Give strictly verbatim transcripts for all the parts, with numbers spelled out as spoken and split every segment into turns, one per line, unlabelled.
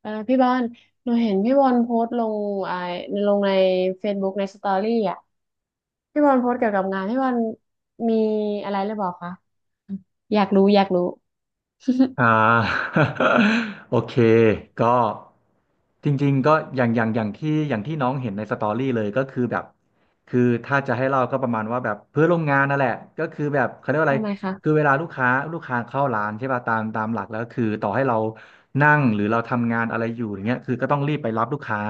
เออพี่บอลหนูเห็นพี่บอลโพสต์ลงไอ้ลงใน Facebook ในสตอรี่อ่ะพี่บอลโพสต์เกี่ยวกับงานพี่บอลมีอะไรหรือเปล่าคะอยากรู้อยากรู้
อ่า โอเคก็จริงๆก็อย่างอย่างอย่างที่อย่างที่น้องเห็นในสตอรี่เลยก็คือแบบคือถ้าจะให้เราก็ประมาณว่าแบบเพื่อนร่วมงานนั่นแหละก็คือแบบเขาเรียกว่าอะไร
ทำไม
คือ
คะ
เวลาลูกค้าลูกค้าเข้าร้านใช่ป่ะตามตามหลักแล้วคือต่อให้เรานั่งหรือเราทำงานอะไรอยู่อย่างเงี้ยคือก็ต้องรีบไปรับลูกค้า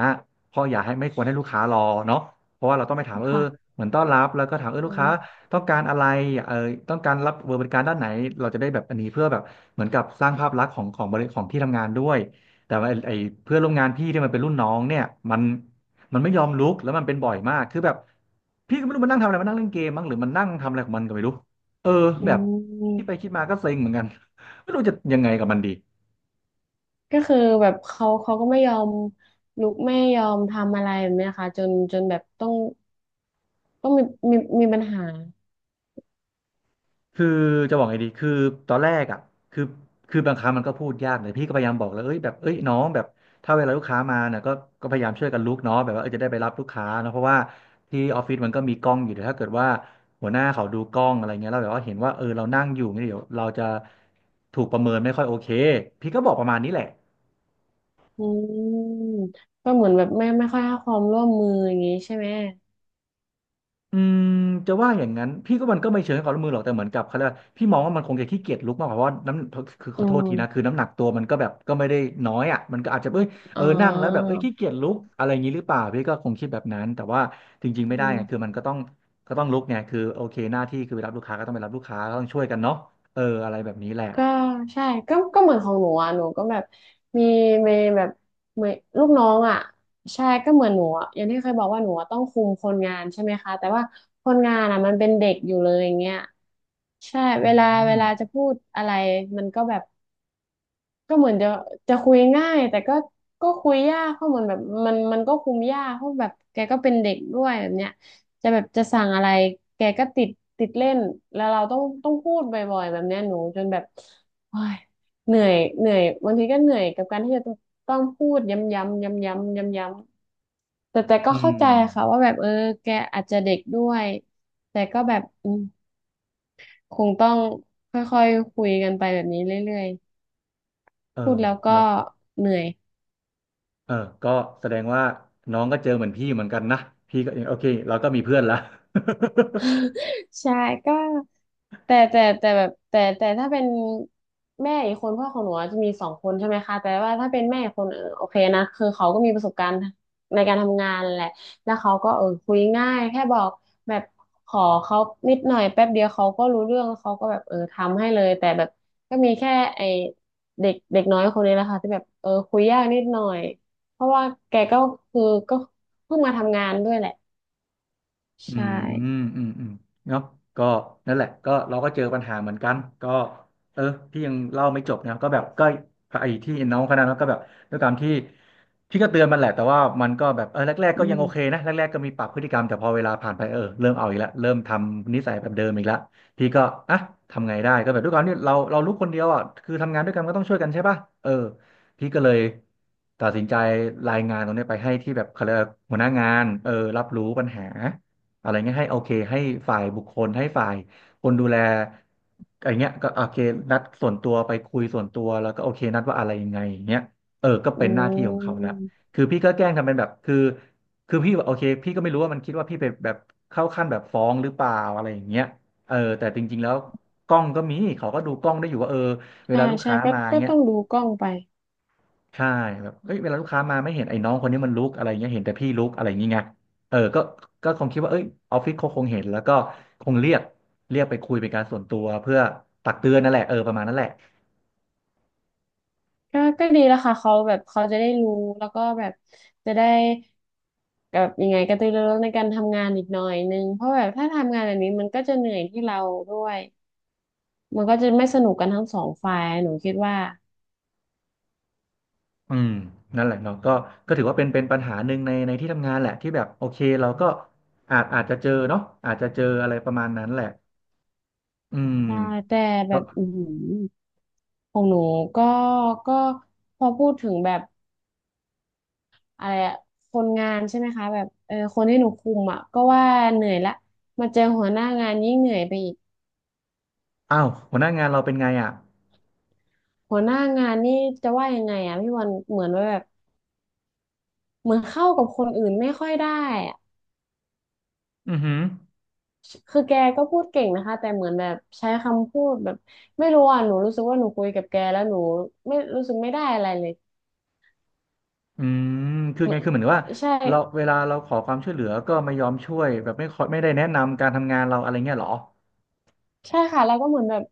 เพราะอย่าให้ไม่ควรให้ลูกค้ารอเนาะเพราะว่าเราต้องไปถามเออ
ค่ะ
เหมือนต้อนรับแล้วก็ถามเออลู
อื
กค้า
ม
ต้องการอะไรเออต้องการรับบริการด้านไหนเราจะได้แบบอันนี้เพื่อแบบเหมือนกับสร้างภาพลักษณ์ของของบริของที่ทำงานด้วยแต่ว่าไอ้ไอ้เพื่อนร่วมงานพี่ที่มันเป็นรุ่นน้องเนี่ยมันมันไม่ยอมลุกแล้วมันเป็นบ่อยมากคือแบบพี่ก็ไม่รู้มันนั่งทำอะไรมันนั่งเล่นเกมมั้งหรือมันนั่งทำอะไรของมันก็ไม่รู้เออ
อื
แบบที่
ม
ไปคิดมาก็เซ็งเหมือนกัน ไม่รู้จะยังไงกับมันดี
ก็คือแบบเขาเขาก็ไม่ยอมลุกไม่ยอมทำอะไรแบบเนี้ยค่ะจนจนแบบต้องต้องมีมีมีปัญหา
คือจะบอกไงดี คือตอนแรกอ่ะ คือคือบางครั้งมันก็พูดยากเลยพี่ก็พยายามบอกแล้วเอ้ยแบบเอ้ยน้องแบบถ้าเวลาลูกค้ามาเนี่ยก็ก็พยายามช่วยกันลุกเนาะแบบว่าเออจะได้ไปรับลูกค้าเนาะเพราะว่าที่ออฟฟิศมันก็มีกล้องอยู่เดี๋ยวถ้าเกิดว่าหัวหน้าเขาดูกล้องอะไรเงี้ยแล้วแบบว่าเห็นว่าเออเรานั่งอยู่เนี่ยเดี๋ยวเราจะถูกประเมินไม่ค่อยโอเค พี่ก็บอกประมาณนี้แหละ
อืมก็เหมือนแบบไม่ไม่ค่อยให้ความร่วมมืออย่างงี้ใช่ไหม
อืมจะว่าอย่างนั้นพี่ก็มันก็ไม่เชิงให้ความร่วมมือหรอกแต่เหมือนกับเขาเรียกว่าพี่มองว่ามันคงจะขี้เกียจลุกมากกว่าเพราะว่าน้ำคือข
อื
อโทษทีนะ
ม
คือน้ำหนักตัวมันก็แบบก็ไม่ได้น้อยอ่ะมันก็อาจจะเอ้ยเอ
อ๋อ
อนั่งแล้วแบบเอ้ยขี้เกียจลุกอะไรอย่างนี้หรือเปล่าพี่ก็คงคิดแบบนั้นแต่ว่าจริงๆไม่
อื
ได้ไงคือ
ม
มันก็ต้องก็ต้องลุกไงคือโอเคหน้าที่คือไปรับลูกค้าก็ต้องไปรับลูกค้าก็ต้องช่วยกันเนาะเอออะไรแบบนี้แหละ
ก็ใช่ก็ก็เหมือนของหนูอ่ะหนูก็แบบมีมีแบบมีลูกน้องอ่ะใช่ก็เหมือนหนูอะอย่างที่เคยบอกว่าหนูอะต้องคุมคนงานใช่ไหมคะแต่ว่าคนงานอ่ะมันเป็นเด็กอยู่เลยอย่างเงี้ยใช่
อื
เวลาเว
ม
ลาจะพูดอะไรมันก็แบบ ก็เหมือนจะจะคุยง่ายแต่ก็ก็คุยยากเพราะเหมือนแบบมันมันก็คุมยากเพราะแบบแกก็เป็นเด็กด้วยแบบเนี้ยจะแบบจะสั่งอะไรแกก็ติดติดเล่นแล้วเราต้องต้องพูดบ่อยๆแบบเนี้ยหนูจนแบบโอ้ยเหนื่อยเหนื่อยบางทีก็เหนื่อยกับการที่จะต้องพูดย้ำๆย้ำๆย้ำๆแต่แต่ก็
อื
เข้า
ม
ใจค่ะว่าแบบเออแกอาจจะเด็กด้วยแต่ก็แบบอืมคงต้องค่อยๆคุยกันไปแบบนี้เรื่อย
เออ
ๆพูดแล้วก็
เนาะ
เหนื่อย
เออก็แสดงว่าน้องก็เจอเหมือนพี่เหมือนกันนะพี่ก็โอเคเราก็มีเพื่อนละ
ใช่ก็แต่แต่แต่แบบแต่แต่ถ้าเป็นแม่อีกคนพ่อของหนูอะจะมีสองคนใช่ไหมคะแต่ว่าถ้าเป็นแม่อีกคนเออโอเคนะคือเขาก็มีประสบการณ์ในการทำงานแหละแล้วเขาก็เออคุยง่ายแค่บอกแบบขอเขานิดหน่อยแป๊บเดียวเขาก็รู้เรื่องเขาก็แบบเออทำให้เลยแต่แบบก็มีแค่ไอเด็กเด็กน้อยคนนี้แหละค่ะที่แบบเออคุยยากนิดหน่อยเพราะว่าแกก็คือก็เพิ่งมาทำงานด้วยแหละ
อื
ใช่
มอืมอืมเนาะก็นั่นแหละก็เราก็เจอปัญหาเหมือนกันก็เออพี่ยังเล่าไม่จบนะก็แบบก็ไอ้ที่น้องคนนั้นก็แบบด้วยความที่พี่ก็เตือนมันแหละแต่ว่ามันก็แบบเออแรกๆ
อื
ก็ยัง
ม
โอเคนะแรกๆก็มีปรับพฤติกรรมแต่พอเวลาผ่านไปเออเริ่มเอาอีกแล้วเริ่มทำนิสัยแบบเดิมอีกแล้วพี่ก็อ่ะทำไงได้ก็แบบด้วยความที่เราเราลูกคนเดียวอ่ะคือทำงานด้วยกันก็ต้องช่วยกันใช่ป่ะเออพี่ก็เลยตัดสินใจรายงานตรงนี้ไปให้ที่แบบเขาเรียกว่าหัวหน้างานเออรับรู้ปัญหา อะไรเงี้ยให้โอเคให้ฝ่ายบุคคลให้ฝ่ายคนดูแลอะไรเงี้ยก็โอเคนัดส่วนตัวไปคุยส่วนตัวแล้วก็โอเคนัดว่าอะไรยังไงอย่างเงี้ยเออก็
อื
เป็นหน้าที่ของเขาแล้ว
ม
คือพี่ก็แกล้งทำเป็นแบบคือคือพี่แบบโอเคพี่ก็ไม่รู้ว่ามันคิดว่าพี่ไปแบบเข้าขั้นแบบฟ้องหรือเปล่าอะไรอย่างเงี้ยเออแต่จริงๆแล้วกล้องก็มีเขาก็ดูกล้องได้อยู่ว่าเออเว
ใช่
ลาลูก
ใช่
ค้า
ก็
มา
ก็
เงี้ย
ต้องดูกล้องไป
ใช่แบบเอ้ยเวลาลูกค้ามาไม่เห็นไอ้น้องคนนี้มันลุกอะไรเงี้ยเห็นแต่พี่ลุกอะไรอย่างเงี้ยเออก็ก็คงคิดว่าเอ้ยออฟฟิศเขาคงเห็นแล้วก็คงเรียกเรียกไปคุยเป็นการส่วนตัวเพื่อตักเตือนนั่นแหละเออประมาณนั้นแหละ
ก็ก็ดีแล้วค่ะเขาแบบเขาจะได้รู้แล้วก็แบบจะได้แบบยังไงกระตือรือร้นในการทำงานอีกหน่อยนึงเพราะแบบถ้าทำงานแบบนี้มันก็จะเหนื่อยที่เราด้วยมันก็จะไม่สนุกกันทั้งสองฝ่ายหนูคิดว่า
อืมนั่นแหละเนาะก็ก็ถือว่าเป็นเป็นปัญหาหนึ่งในในที่ทำงานแหละที่แบบโอเคเราก็อาจอาจจะเจอเนาะอาจจะเจออะไรประมาณนั้นแหละอืม
ใช่แต่แบ
ก็
บอือหือของหนูก็ก็พอพูดถึงแบบอะไรอะคนงานใช่ไหมคะแบบเออคนที่หนูคุมอ่ะก็ว่าเหนื่อยละมาเจอหัวหน้างานยิ่งเหนื่อยไปอีก
อ้าวหัวหน้างานเราเป็นไงอ่ะ
หัวหน้างานนี่จะว่ายังไงอ่ะพี่วันเหมือนว่าแบบเหมือนเข้ากับคนอื่นไม่ค่อยได้อ่ะ
อือหือ
คือแกก็พูดเก่งนะคะแต่เหมือนแบบใช้คำพูดแบบไม่รู้อ่ะหนูรู้สึกว่าหนูคุยกับแกแล้วหนูไม่รู้สึกไม่ได้อะไรเลย
อืมคือ
เหมื
ไง
อน
คือเหมือนว่า
ใช่
เราเวลาเราขอความช่วยเหลือก็ไม่ยอมช่วยแบบไม่ขอไม่ได้แนะนำการทำงานเราอะไรเงี้ยเหรอ
ใช่ค่ะแล้วก็เหมือนแบบ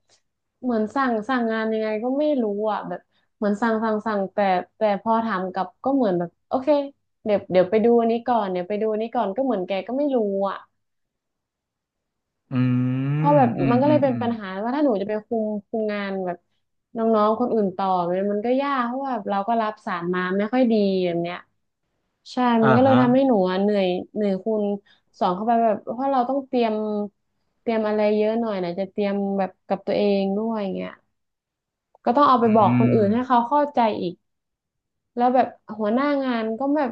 เหมือนสั่งสั่งงานยังไงก็ไม่รู้อ่ะแบบเหมือนสั่งสั่งสั่งแต่แต่พอถามกลับก็เหมือนแบบโอเคเดี๋ยวเดี๋ยวไปดูอันนี้ก่อนเดี๋ยวไปดูอันนี้ก่อนก็เหมือนแกก็ไม่รู้อ่ะ
อื
เพราะ
ม
แบบ
อื
มั
ม
นก็
อื
เล
ม
ยเป็
อื
น
ม
ปัญหาว่าถ้าหนูจะไปคุมคุมงานแบบน้องๆคนอื่นต่อมันมันก็ยากเพราะว่าเราก็รับสารมาไม่ค่อยดีแบบเนี้ยใช่มั
อ่า
นก็เลย
ฮะ
ทำให้หนูอะเหนื่อยเหนื่อยคูณสองเข้าไปแบบเพราะเราต้องเตรียมเตรียมอะไรเยอะหน่อยนะจะเตรียมแบบกับตัวเองด้วยอย่างเงี้ยก็ต้องเอาไป
อื
บอกคน
ม
อื่นให้เขาเข้าใจอีก แล้วแบบหัวหน้างานก็แบบ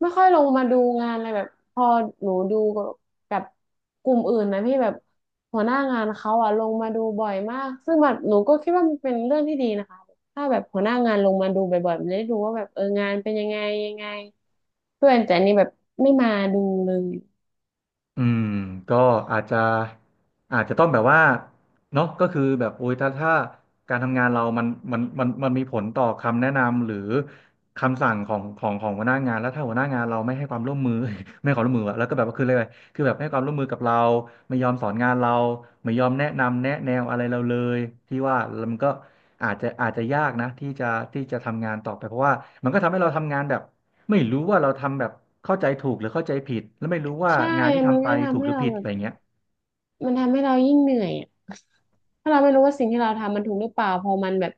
ไม่ค่อยลงมาดูงานอะไรแบบพอหนูดูกับกลุ่มอื่นนะพี่แบบหัวหน้างานเขาอะลงมาดูบ่อยมากซึ่งแบบหนูก็คิดว่ามันเป็นเรื่องที่ดีนะคะถ้าแบบหัวหน้างานลงมาดูบ่อยๆมันจะได้ดูว่าแบบเอองานเป็นยังไงยังไงเพื่อนแต่อันนี่แบบไม่มาดูเลย
อืมก็อาจจะอาจจะต้องแบบว่าเนาะก็คือแบบโอ้ยถ้าถ้าการทำงานเรามันมันมันมันมีผลต่อคำแนะนำหรือคำสั่งของของของหัวหน้างานแล้วถ้าหัวหน้างานเราไม่ให้ความร่วมมือ ไม่ให้ความร่วมมืออะแล้วก็แบบว่าคืออะไรคือแบบไม่ให้ความร่วมมือกับเราไม่ยอมสอนงานเราไม่ยอมแนะนำแนะแนวอะไรเราเลยที่ว่ามันก็อาจจะอาจจะยากนะที่จะที่จะทำงานต่อไปเพราะว่ามันก็ทำให้เราทำงานแบบ ไม่รู้ว่าเราทำแบบเข้าใจถูกหรือเข้าใจผิดแล้วไม่รู้ว่า
ใช่
งานที่
มัน
ทำไป
ก็
ถู
ทำ
ก
ให้
หรือ
เรา
ผิด
แบ
อะ
บ
ไรเงี้ย
มันทำให้เรายิ่งเหนื่อยอะ ถ้าเราไม่รู้ว่าสิ่งที่เราทำมันถูกหรือเปล่าพอมันแบบ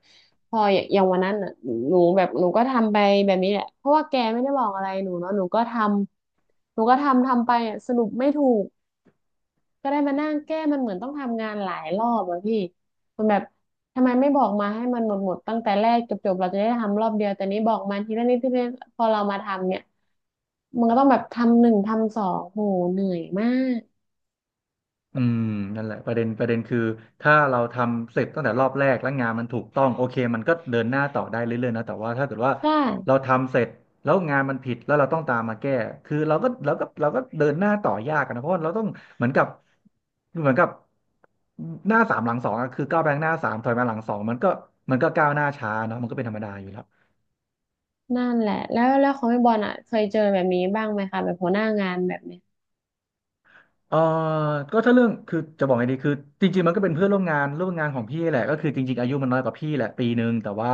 พออย่างวันนั้นอ่ะหนูแบบหนูก็ทำไปแบบนี้แหละเพราะว่าแกไม่ได้บอกอะไรหนูเนาะหนูก็ทำหนูก็ทำทำไปอะสรุปไม่ถูกก็ได้มานั่งแก้มันเหมือนต้องทำงานหลายรอบอะพี่มันแบบทำไมไม่บอกมาให้มันหมดหมดตั้งแต่แรกจบจบเราจะได้ทำรอบเดียวแต่นี้บอกมาทีละนิดทีละนิดพอเรามาทำเนี่ยมันก็ต้องแบบทำหนึ่งทำสองโหเหนื่อยมาก
อืมนั่นแหละประเด็นประเด็นคือถ้าเราทำเสร็จตั้งแต่รอบแรกแล้วงานมันถูกต้องโอเคมันก็เดินหน้าต่อได้เรื่อยๆนะแต่ว่าถ้าเกิดว่า
ใช่
เราทำเสร็จแล้วงานมันผิดแล้วเราต้องตามมาแก้คือเราก็เราก็เราก็เดินหน้าต่อยากอะนะเพราะว่าเราต้องเหมือนกับเหมือนกับหน้าสามหลังสองอะคือก้าวไปข้างหน้าสามถอยมาหลังสองมันก็มันก็ก้าวหน้าช้าเนาะมันก็เป็นธรรมดาอยู่แล้ว
นั่นแหละแล้วแล้วของพี่บอลอ่ะเคยเจอแบบนี้บ้างไหมคะแบบหัวหน้างานแบบเนี้ย
เออก็ถ้าเรื่องคือจะบอกไงดีคือจริงๆมันก็เป็นเพื่อนร่วมงานร่วมงานของพี่แหละก็คือจริงๆอายุมันน้อยกว่าพี่แหละปีหนึ่งแต่ว่า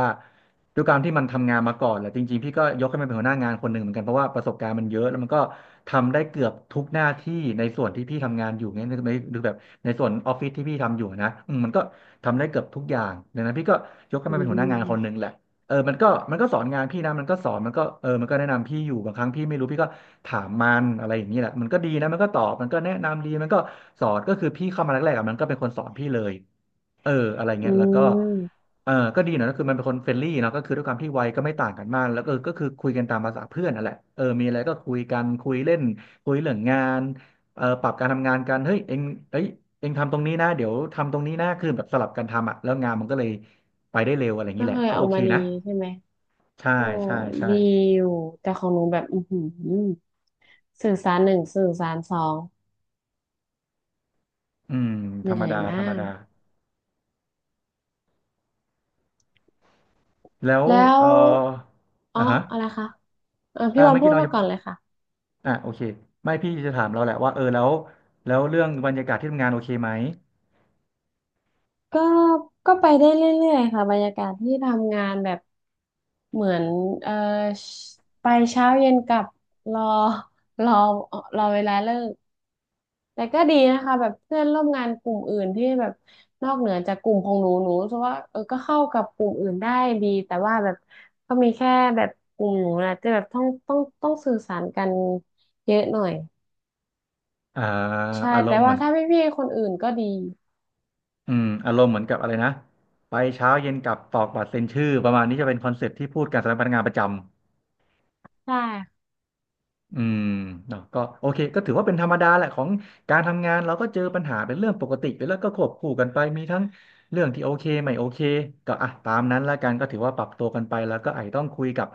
ด้วยการที่มันทำงานมาก่อนแหละจริงๆพี่ก็ยกให้มันเป็นหัวหน้างานคนหนึ่งเหมือนกันเพราะว่าประสบการณ์มันเยอะแล้วมันก็ทำได้เกือบทุกหน้าที่ในส่วนที่พี่ทำงานอยู่เนี้ยในในหรือแบบในส่วนออฟฟิศที่พี่ทำอยู่นะอืมมันก็ทำได้เกือบทุกอย่างดังนั้นพี่ก็ยกให้
อื
มันเป็นหัวหน้างานคนหนึ่ง
ม
แหละ เออมันก็มันก็สอนงานพี่นะมันก็สอนมันก็เออมันก็แนะนำพี่อยู่บางครั้งพี่ไม่รู้พี่ก็ถามมันอะไรอย่างนี้แหละมันก็ดีนะมันก็ตอบมันก็แนะนำดีมันก็สอนก็คือพี่เข้ามาแรกๆอะมันก็เป็นคนสอนพี่เลยเอออะไร
อื
เงี้ยแล้วก็
ม
เออก็ดีนะก็คือมันเป็นคนเฟรนลี่เนาะก็คือด้วยความที่วัยก็ไม่ต่างกันมากแล้วก็ก็คือคุยกันตามภาษาเพื่อนนั่นแหละเออมีอะไรก็คุยกันคุยเล่นคุยเรื่องงานเออปรับการทำงานกันเฮ้ยเอ็งเอ้ยเอ็งทำตรงนี้นะเดี๋ยวทำตรงนี้นะคือแบบสลับกันทำอะแล้วงานมันก็เลยไปได้เร็วอะไรอย่าง
ก็
นี้แห
เค
ละ
ย
ก็
อ
โอ
อก
เค
มาดี
นะ
ใช่ไหม
ใช่
โอ้
ใช่ใช่
ดีอยู่แต่ของหนูแบบอือหือสื่อสารหนึ่งสื่อสารสอง
อืม
เห
ธรร
นื่
ม
อย
ดาธร
มา
รม
ก
ดา แล้ว
แล้ว
เอ่อ
อ๋อ
อ่ะฮะ
อะไรคะเออ
อ่า
พี่บอล
เมื่อ
พู
กี้
ด
น้อง
มา
จะ
ก่อนเลยค่ะ
อ่ะโอเคไม่พี่จะถามเราแหละว่าเออแล้วแล้วเรื่องบรรยากาศที่ทำงานโอเคไหม
ก็ก็ไปได้เรื่อยๆค่ะบรรยากาศที่ทำงานแบบเหมือนเออไปเช้าเย็นกลับรอรอรอเวลาเลิก แต่ก็ดีนะคะแบบเพื่อนร่วมงานกลุ่มอื่นที่แบบนอกเหนือจากกลุ่มของหนูหนูรู้สึกว่าเออก็เข้ากับกลุ่มอื่นได้ดีแต่ว่าแบบก็มีแค่แบบกลุ่มหนูนะจะแบบต้องต้องต้องสื่อสารกันเยอะหน่อย
อ่า
ใช่
อาร
แต่
มณ์เห
ว่า
มือน
ถ้าพี่ๆคนอื่นก็ดี
อืมอารมณ์เหมือนกับอะไรนะ ไปเช้าเย็นกลับตอกบัตรเซ็นชื่อ ประมาณนี้จะเป็นคอนเซ็ปต์ที่พูดกันสำหรับพนักงานประจำ
ใช่
อืมเนาะก็โอเคก็ถือว่าเป็นธรรมดาแหละของการทำงานเราก็เจอปัญหาเป็นเรื่องปกติไปแล้วก็ควบคู่กันไปมีทั้งเรื่องที่โอเคไม่โอเคก็อ่ะตามนั้นละกันก็ถือว่าปรับตัวกันไปแล้วก็ไอต้องคุยกับ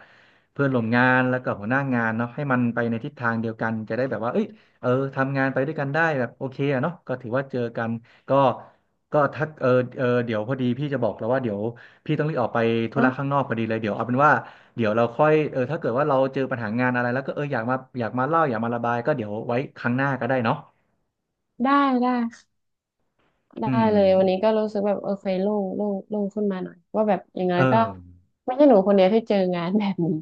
เพื่อนร่วมงานแล้วก็หัวหน้างานเนาะให้มันไปในทิศทางเดียวกันจะได้แบบว่าเอ้ยเออทำงานไปด้วยกันได้แบบโอเคอะเนาะก็ถือว่าเจอกันก็ก็ทักเออเออเดี๋ยวพอดีพี่จะบอกแล้วว่าเดี๋ยวพี่ต้องรีบออกไปธุ
เนาะ
ระข้างนอกพอดีเลยเดี๋ยวเอาเป็นว่า เดี๋ยวเราค่อยเออถ้าเกิดว่าเราเจอปัญหางานอะไรแล้วก็เอออยากมาอยากมาเล่าอยากมาระบายก็เดี๋ยวไว้ครั้งหน้าก็ได้เนาะ
ได้ได้
อื
ได้
ม
เลยวันนี้ก็รู้สึกแบบเออเคยโล่งโล่งโล่งขึ้นมาหน่อยว่าแบบอย่างน้
เอ
อยก็
อ
ไม่ใช่หนูคนเดียวที่เจองานแบบนี้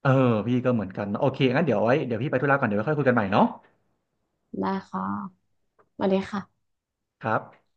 เออพี่ก็เหมือนกันเนอะโอเคงั้นเดี๋ยวไว้เดี๋ยวพี่ไปธุระก่อน เดี๋ยวไว้ค่อยคุยกันใหม่เนาะ
ได้ค่ะสวัสดีค่ะ
ครับ